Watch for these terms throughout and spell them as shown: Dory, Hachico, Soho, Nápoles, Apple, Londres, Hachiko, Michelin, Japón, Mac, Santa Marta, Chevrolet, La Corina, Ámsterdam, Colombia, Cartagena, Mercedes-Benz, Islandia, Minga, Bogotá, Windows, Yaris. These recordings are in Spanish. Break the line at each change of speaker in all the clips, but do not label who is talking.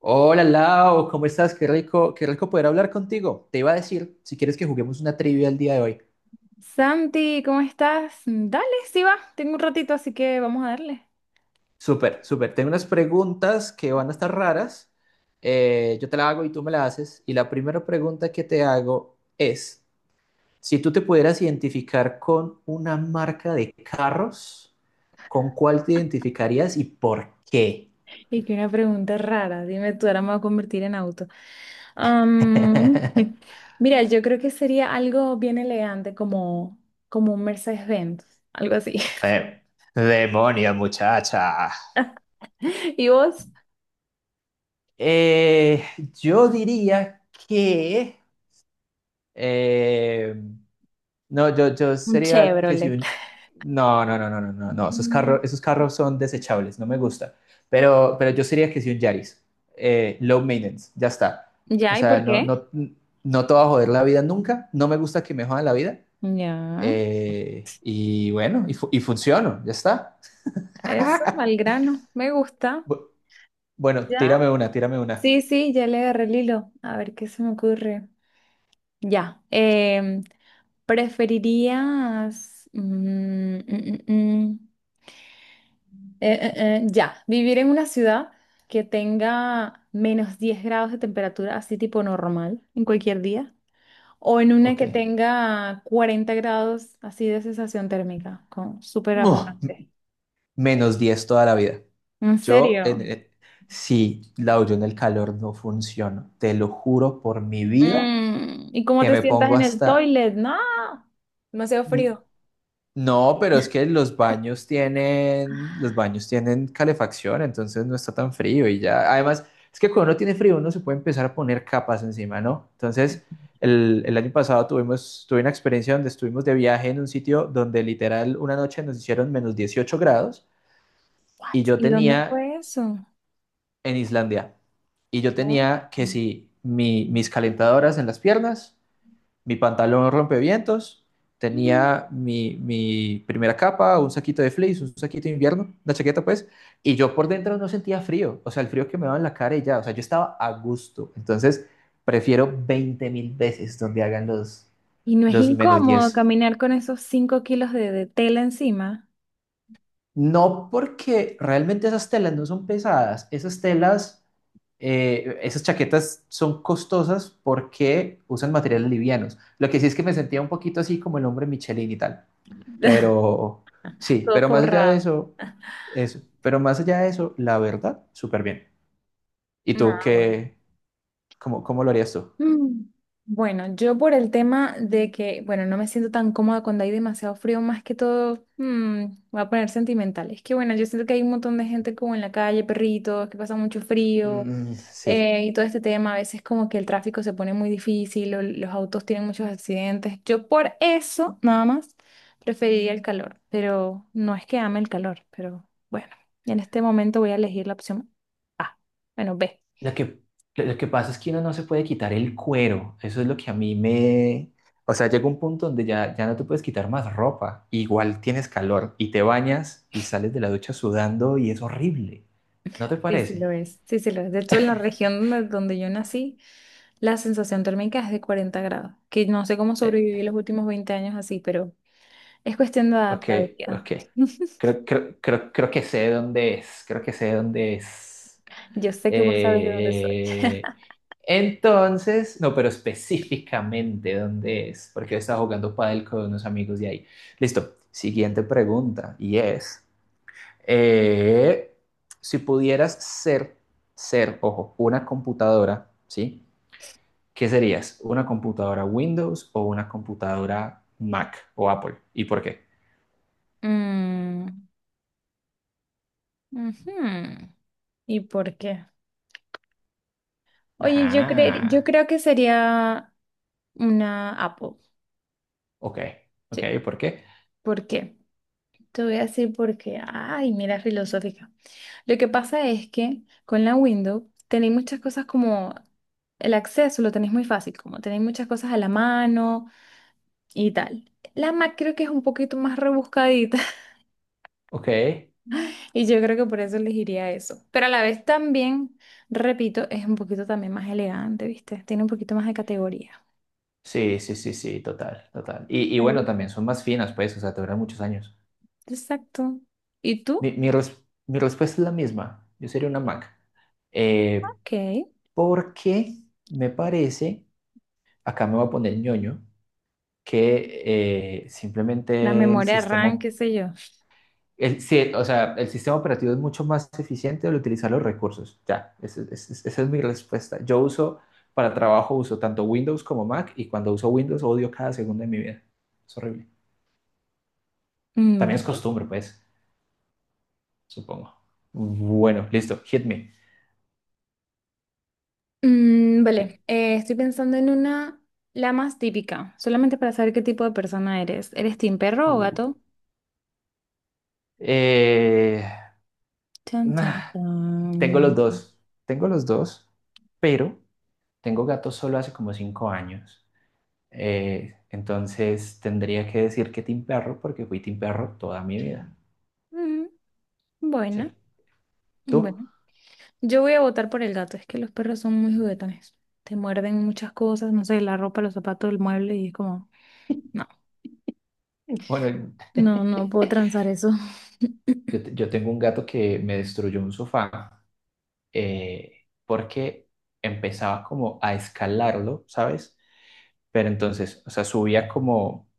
Hola Lau, ¿cómo estás? Qué rico poder hablar contigo. Te iba a decir, si quieres que juguemos una trivia el día de hoy.
Santi, ¿cómo estás? Dale, sí va, tengo un ratito, así que vamos a darle.
Súper, súper. Tengo unas preguntas que van a estar raras. Yo te la hago y tú me la haces. Y la primera pregunta que te hago es, si tú te pudieras identificar con una marca de carros, ¿con cuál te identificarías y por qué?
Y que una pregunta rara, dime tú, ahora me voy a convertir en auto. Am, mira, yo creo que sería algo bien elegante, como un Mercedes-Benz, algo así.
Eh, Demonio, muchacha.
¿Y vos?
Eh, yo diría que... Eh, no, yo
Un
sería que si
Chevrolet.
un... No, no, no, no, no, no, no. Esos
Mm.
carros, esos carros son desechables, no me gusta. Pero yo sería que si un Yaris. Low maintenance, ya está. O
Ya, ¿y
sea,
por
no,
qué?
no, no te va a joder la vida nunca. No me gusta que me jodan la vida.
Ya,
Y bueno, y funciono, ya está.
eso, al grano, me gusta.
Bu- bueno,
Ya,
tírame una, tírame una.
sí, sí, ya le agarré el hilo, a ver qué se me ocurre. Ya, ¿preferirías, mm, mm, ya, vivir en una ciudad que tenga -10 grados de temperatura, así tipo normal, en cualquier día? ¿O en una
Ok.
que tenga 40 grados, así de sensación térmica, con súper
Uf,
afocante?
-10 toda la vida.
¿En
Yo,
serio?
en, eh, sí, Lau, yo en el calor no funciono. Te lo juro por mi vida
¿Y cómo
que
te
me
sientas
pongo
en el
hasta...
toilet? No, demasiado
N-
frío.
No, pero es que los baños tienen calefacción, entonces no está tan frío y ya. Además, es que cuando uno tiene frío, uno se puede empezar a poner capas encima, ¿no? Entonces, el año pasado tuve una experiencia donde estuvimos de viaje en un sitio donde literal una noche nos hicieron -18 grados y
What?
yo
¿Y dónde
tenía
fue eso?
en Islandia. Y yo
¿No?
tenía que si mis calentadoras en las piernas, mi pantalón rompevientos, tenía mi primera capa, un saquito de fleece, un saquito de invierno, una chaqueta pues, y yo por dentro no sentía frío, o sea, el frío que me daba en la cara y ya, o sea, yo estaba a gusto. Entonces, prefiero 20.000 veces donde hagan
Y no es
los menos
incómodo
10.
caminar con esos 5 kilos de tela encima.
No, porque realmente esas telas no son pesadas, esas chaquetas son costosas porque usan materiales livianos. Lo que sí es que me sentía un poquito así como el hombre Michelin y tal, pero sí,
Todo
pero más allá de
forrado.
eso, pero más allá de eso, la verdad, súper bien. ¿Y tú
Ah, bueno.
qué, cómo lo harías tú?
Mm. Bueno, yo por el tema de que, bueno, no me siento tan cómoda cuando hay demasiado frío, más que todo, voy a poner sentimental. Es que, bueno, yo siento que hay un montón de gente como en la calle, perritos, que pasan mucho frío.
Mm, sí.
Y todo este tema, a veces como que el tráfico se pone muy difícil, o los autos tienen muchos accidentes. Yo por eso, nada más, preferiría el calor, pero no es que ame el calor, pero bueno, en este momento voy a elegir la opción A, bueno, B.
Lo que, lo que pasa es que uno no se puede quitar el cuero. Eso es lo que a mí me... O sea, llega un punto donde ya no te puedes quitar más ropa. Igual tienes calor y te bañas y sales de la ducha sudando y es horrible. ¿No te
Sí, sí
parece?
lo es. Sí, sí, lo es. De hecho, en la región donde, donde yo nací, la sensación térmica es de 40 grados, que no sé cómo sobreviví
Eh,
los últimos 20 años así, pero es cuestión de
ok,
adaptabilidad.
ok. Creo que sé dónde es. Creo que sé dónde es.
Yo sé que vos sabes de dónde soy.
Eh, entonces, no, pero específicamente dónde es, porque yo estaba jugando pádel con unos amigos de ahí. Listo, siguiente pregunta, y es, eh, si pudieras ser, ser, ojo, una computadora, ¿sí? ¿Qué serías? ¿Una computadora Windows o una computadora Mac o Apple? ¿Y por qué?
Mm, ujú. ¿Y por qué? Oye, yo
Ajá,
creo que sería una Apple.
ok, ok,
Sí.
¿por qué?
¿Por qué? Te voy a decir por qué. Ay, mira, filosófica. Lo que pasa es que con la Windows tenéis muchas cosas como el acceso lo tenéis muy fácil, como tenéis muchas cosas a la mano y tal. La Mac creo que es un poquito más rebuscadita
Ok.
y yo creo que por eso elegiría eso. Pero a la vez también, repito, es un poquito también más elegante, ¿viste? Tiene un poquito más de categoría.
Sí, sí, sí, sí, total, total. Y bueno, también son más finas, pues, o sea, te duran muchos años.
Exacto. ¿Y tú?
Mi respuesta es la misma. Yo sería una Mac. Eh,
Ok.
Porque me parece, acá me voy a poner ñoño, que
La
simplemente el
memoria RAM,
sistema,
qué sé yo.
el, sí, o sea, el sistema operativo es mucho más eficiente al utilizar los recursos. Ya, esa esa es mi respuesta. Para trabajo uso tanto Windows como Mac y cuando uso Windows odio cada segundo de mi vida. Es horrible.
Mm,
También es
vale.
costumbre, pues, supongo. Bueno, listo, hit me.
Mm,
Ok.
vale. Estoy pensando en una, la más típica, solamente para saber qué tipo de persona eres. ¿Eres team perro o
Uh,
gato?
Eh,
Tan, tan,
nah,
tan.
tengo los dos, pero tengo gatos solo hace como 5 años. Entonces tendría que decir que team perro porque fui team perro toda mi vida.
Mm,
Sí.
buena,
¿Tú?
bueno. Yo voy a votar por el gato, es que los perros son muy juguetones. Te muerden muchas cosas, no sé, la ropa, los zapatos, el mueble y es como, no,
Bueno,
no, no puedo transar eso.
yo, te- yo tengo un gato que me destruyó un sofá porque empezaba como a escalarlo, ¿sabes? Pero entonces, o sea, subía como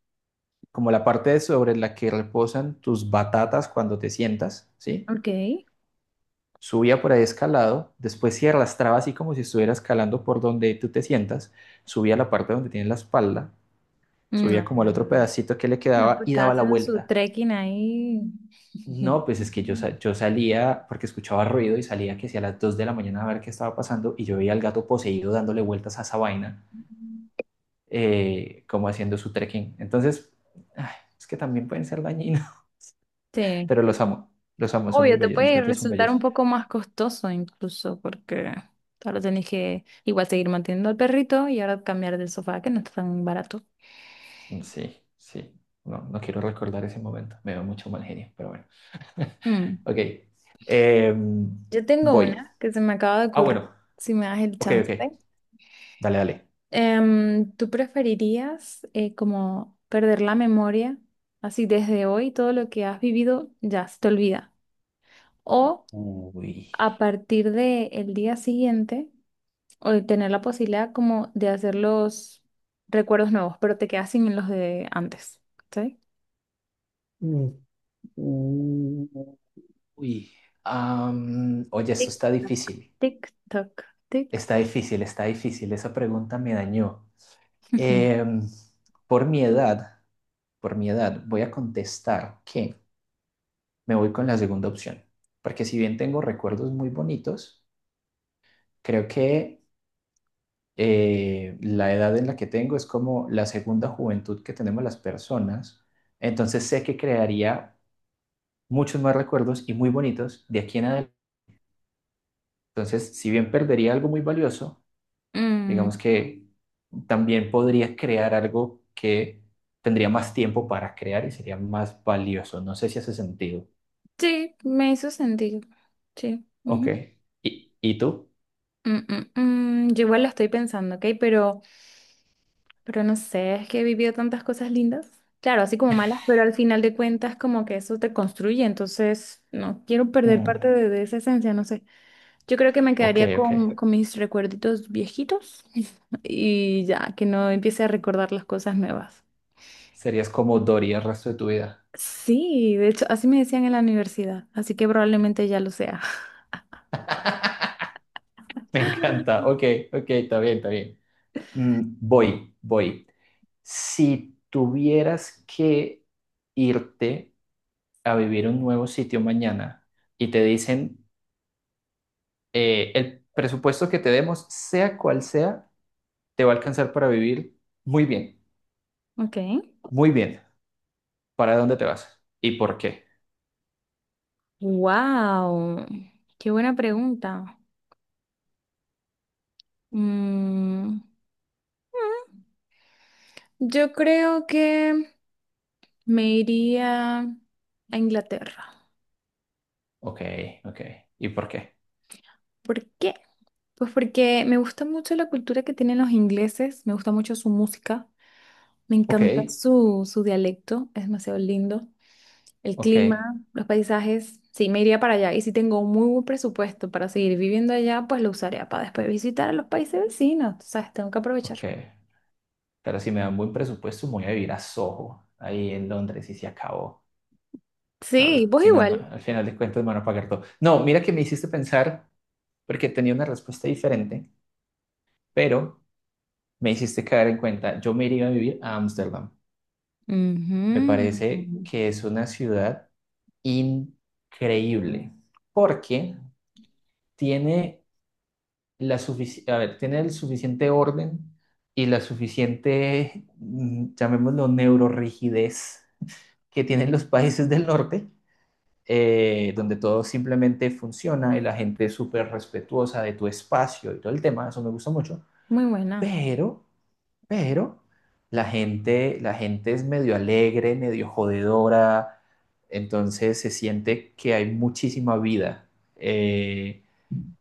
como la parte sobre la que reposan tus batatas cuando te sientas, ¿sí?
Ok.
Subía por ahí escalado, después se arrastraba así como si estuviera escalando por donde tú te sientas, subía la parte donde tienes la espalda, subía
No.
como el otro pedacito que le
Bueno,
quedaba
pues
y
estaba
daba la
haciendo su
vuelta.
trekking ahí.
No, pues es que yo salía porque escuchaba ruido y salía que si a las 2 de la mañana a ver qué estaba pasando y yo veía al gato poseído dándole vueltas a esa vaina, como haciendo su trekking. Entonces, ay, es que también pueden ser dañinos.
Sí.
Pero los amo, son muy
Obvio, te
bellos, los
puede
gatos son
resultar un
bellos.
poco más costoso incluso porque ahora tenés que igual seguir manteniendo al perrito y ahora cambiar del sofá que no está tan barato.
Mm, sí, sí, no, no quiero recordar ese momento, me veo mucho mal genio, pero bueno.
Mm.
Ok. Em,
Yo tengo
Voy.
una que se me acaba de
Ah,
ocurrir,
bueno,
si me das el
ok,
chance.
ok, dale, dale.
¿Tú preferirías como perder la memoria, así desde hoy todo lo que has vivido ya se te olvida? ¿O
Uy.
a partir del día siguiente o de tener la posibilidad como de hacer los recuerdos nuevos, pero te quedas sin los de antes? ¿Sí?
Mm, uy. Oye, esto
Tic,
está
tac.
difícil,
Tic, toc, tic.
está difícil, está difícil, esa pregunta me dañó. Em, por mi edad, por mi edad, voy a contestar que... me voy con la segunda opción, porque si bien tengo recuerdos muy bonitos, creo que la edad en la que tengo es como la segunda juventud que tenemos las personas, entonces sé que crearía muchos más recuerdos y muy bonitos de aquí en adelante. Entonces, si bien perdería algo muy valioso,
Mm,
digamos que también podría crear algo que tendría más tiempo para crear y sería más valioso. No sé si hace sentido.
sí, me hizo sentido. Sí.
Ok.
Ujú.
¿Y tú?
Mm, mm, Yo igual lo estoy pensando, ¿ok? Pero no sé, es que he vivido tantas cosas lindas. Claro, así como malas, pero al final de cuentas como que eso te construye, entonces no quiero perder
Mm,
parte de esa esencia, no sé. Yo creo que me
ok,
quedaría
ok.
con mis recuerditos viejitos y ya, que no empiece a recordar las cosas nuevas.
Serías como Dory el resto de tu vida.
Sí, de hecho, así me decían en la universidad, así que probablemente ya lo sea.
Me encanta. Ok, ok, está bien, está bien. Mm, voy, voy. Si tuvieras que irte a vivir a un nuevo sitio mañana y te dicen el presupuesto que te demos, sea cual sea, te va a alcanzar para vivir muy bien,
Ok.
muy bien. ¿Para dónde te vas? ¿Y por qué?
Wow, qué buena pregunta. Mm, yo creo que me iría a Inglaterra.
Ok, ok. ¿Y por qué?
¿Por qué? Pues porque me gusta mucho la cultura que tienen los ingleses, me gusta mucho su música. Me
Ok,
encanta su, su dialecto, es demasiado lindo. El
ok,
clima, los paisajes, sí, me iría para allá. Y si tengo un muy buen presupuesto para seguir viviendo allá, pues lo usaría para después visitar a los países vecinos. Tú sabes, tengo que aprovechar.
ok. Pero si me dan buen presupuesto, me voy a vivir a Soho, ahí en Londres, y se acabó.
Sí,
Ah,
vos igual.
al final de cuentas me van a pagar todo. No, mira que me hiciste pensar, porque tenía una respuesta diferente, pero me hiciste caer en cuenta. Yo me iría a vivir a Ámsterdam. Me parece
Ujú.
que es una ciudad increíble, porque tiene a ver, tiene el suficiente orden y la suficiente, llamémoslo, neurorrigidez que tienen los países del norte, donde todo simplemente funciona y la gente es súper respetuosa de tu espacio y todo el tema, eso me gusta mucho,
Muy buena.
pero, pero la gente, es medio alegre, medio jodedora, entonces se siente que hay muchísima vida. eh,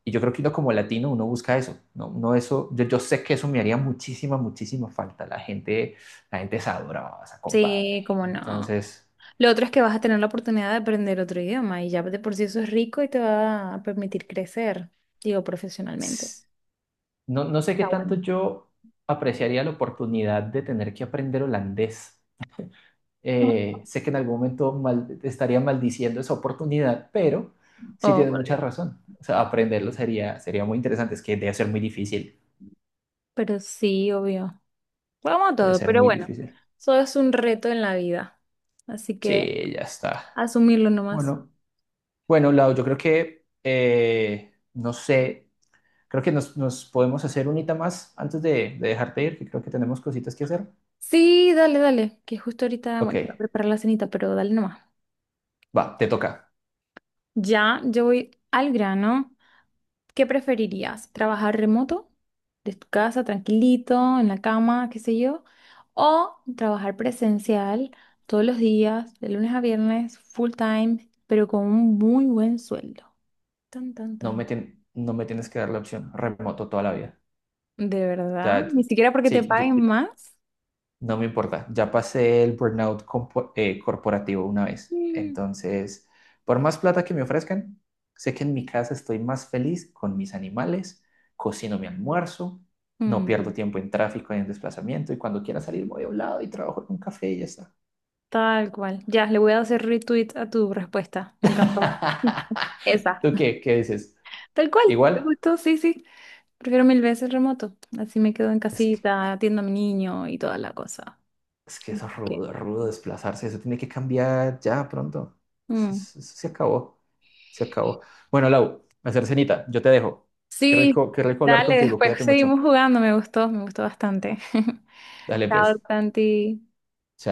y yo creo que uno como latino, uno busca eso, no, no eso, yo sé que eso me haría muchísima, muchísima falta, la gente es sabrosa, compadre,
Sí, como no.
entonces...
Lo otro es que vas a tener la oportunidad de aprender otro idioma y ya de por sí eso es rico y te va a permitir crecer, digo, profesionalmente.
No, no sé qué
Está
tanto
bueno.
yo apreciaría la oportunidad de tener que aprender holandés. Sé que en algún momento estaría maldiciendo esa oportunidad, pero sí
Oh,
tienes
por
mucha
Dios.
razón. O sea, aprenderlo sería muy interesante. Es que debe ser muy difícil.
Pero sí, obvio. Bueno, vamos a
Debe
todo,
ser
pero
muy
bueno,
difícil.
eso es un reto en la vida. Así que
Sí, ya está.
asumirlo nomás.
Bueno, bueno, Lau, yo creo que, no sé, creo que nos podemos hacer unita más antes de dejarte ir, que creo que tenemos cositas que hacer.
Sí, dale, dale, que justo ahorita,
Ok,
bueno, voy a preparar la cenita, pero dale nomás.
va, te toca.
Ya, yo voy al grano. ¿Qué preferirías? ¿Trabajar remoto? ¿De tu casa, tranquilito, en la cama, qué sé yo? ¿O trabajar presencial todos los días, de lunes a viernes, full time, pero con un muy buen sueldo? Tan, tan,
no
tan.
me, tien- no me tienes que dar la opción remoto toda la vida.
¿De verdad?
Ya,
¿Ni siquiera porque te
sí,
paguen más?
no me importa. Ya pasé el burnout corporativo una vez. Entonces, por más plata que me ofrezcan, sé que en mi casa estoy más feliz con mis animales, cocino mi almuerzo, no pierdo
Mm,
tiempo en tráfico y en desplazamiento y cuando quiera salir voy a un lado y trabajo en un café y ya está.
Tal cual. Ya, le voy a hacer retweet a tu respuesta. Me encantó. Esa.
¿Tú qué? ¿Qué dices?
Tal cual. Me
Igual,
gustó, sí, sí. Prefiero mil veces remoto. Así me quedo en
es que
casita, atiendo a mi niño y toda la cosa.
Es que eso es
Ok.
rudo, rudo desplazarse, eso tiene que cambiar ya pronto. Eso,
Mm.
eso- eso se acabó, se acabó. Bueno, Lau, hacer cenita, yo te dejo.
Sí,
Qué rico hablar
dale,
contigo,
después
cuídate
seguimos
mucho.
jugando. Me gustó bastante.
Dale
Chao,
pues.
Tanti.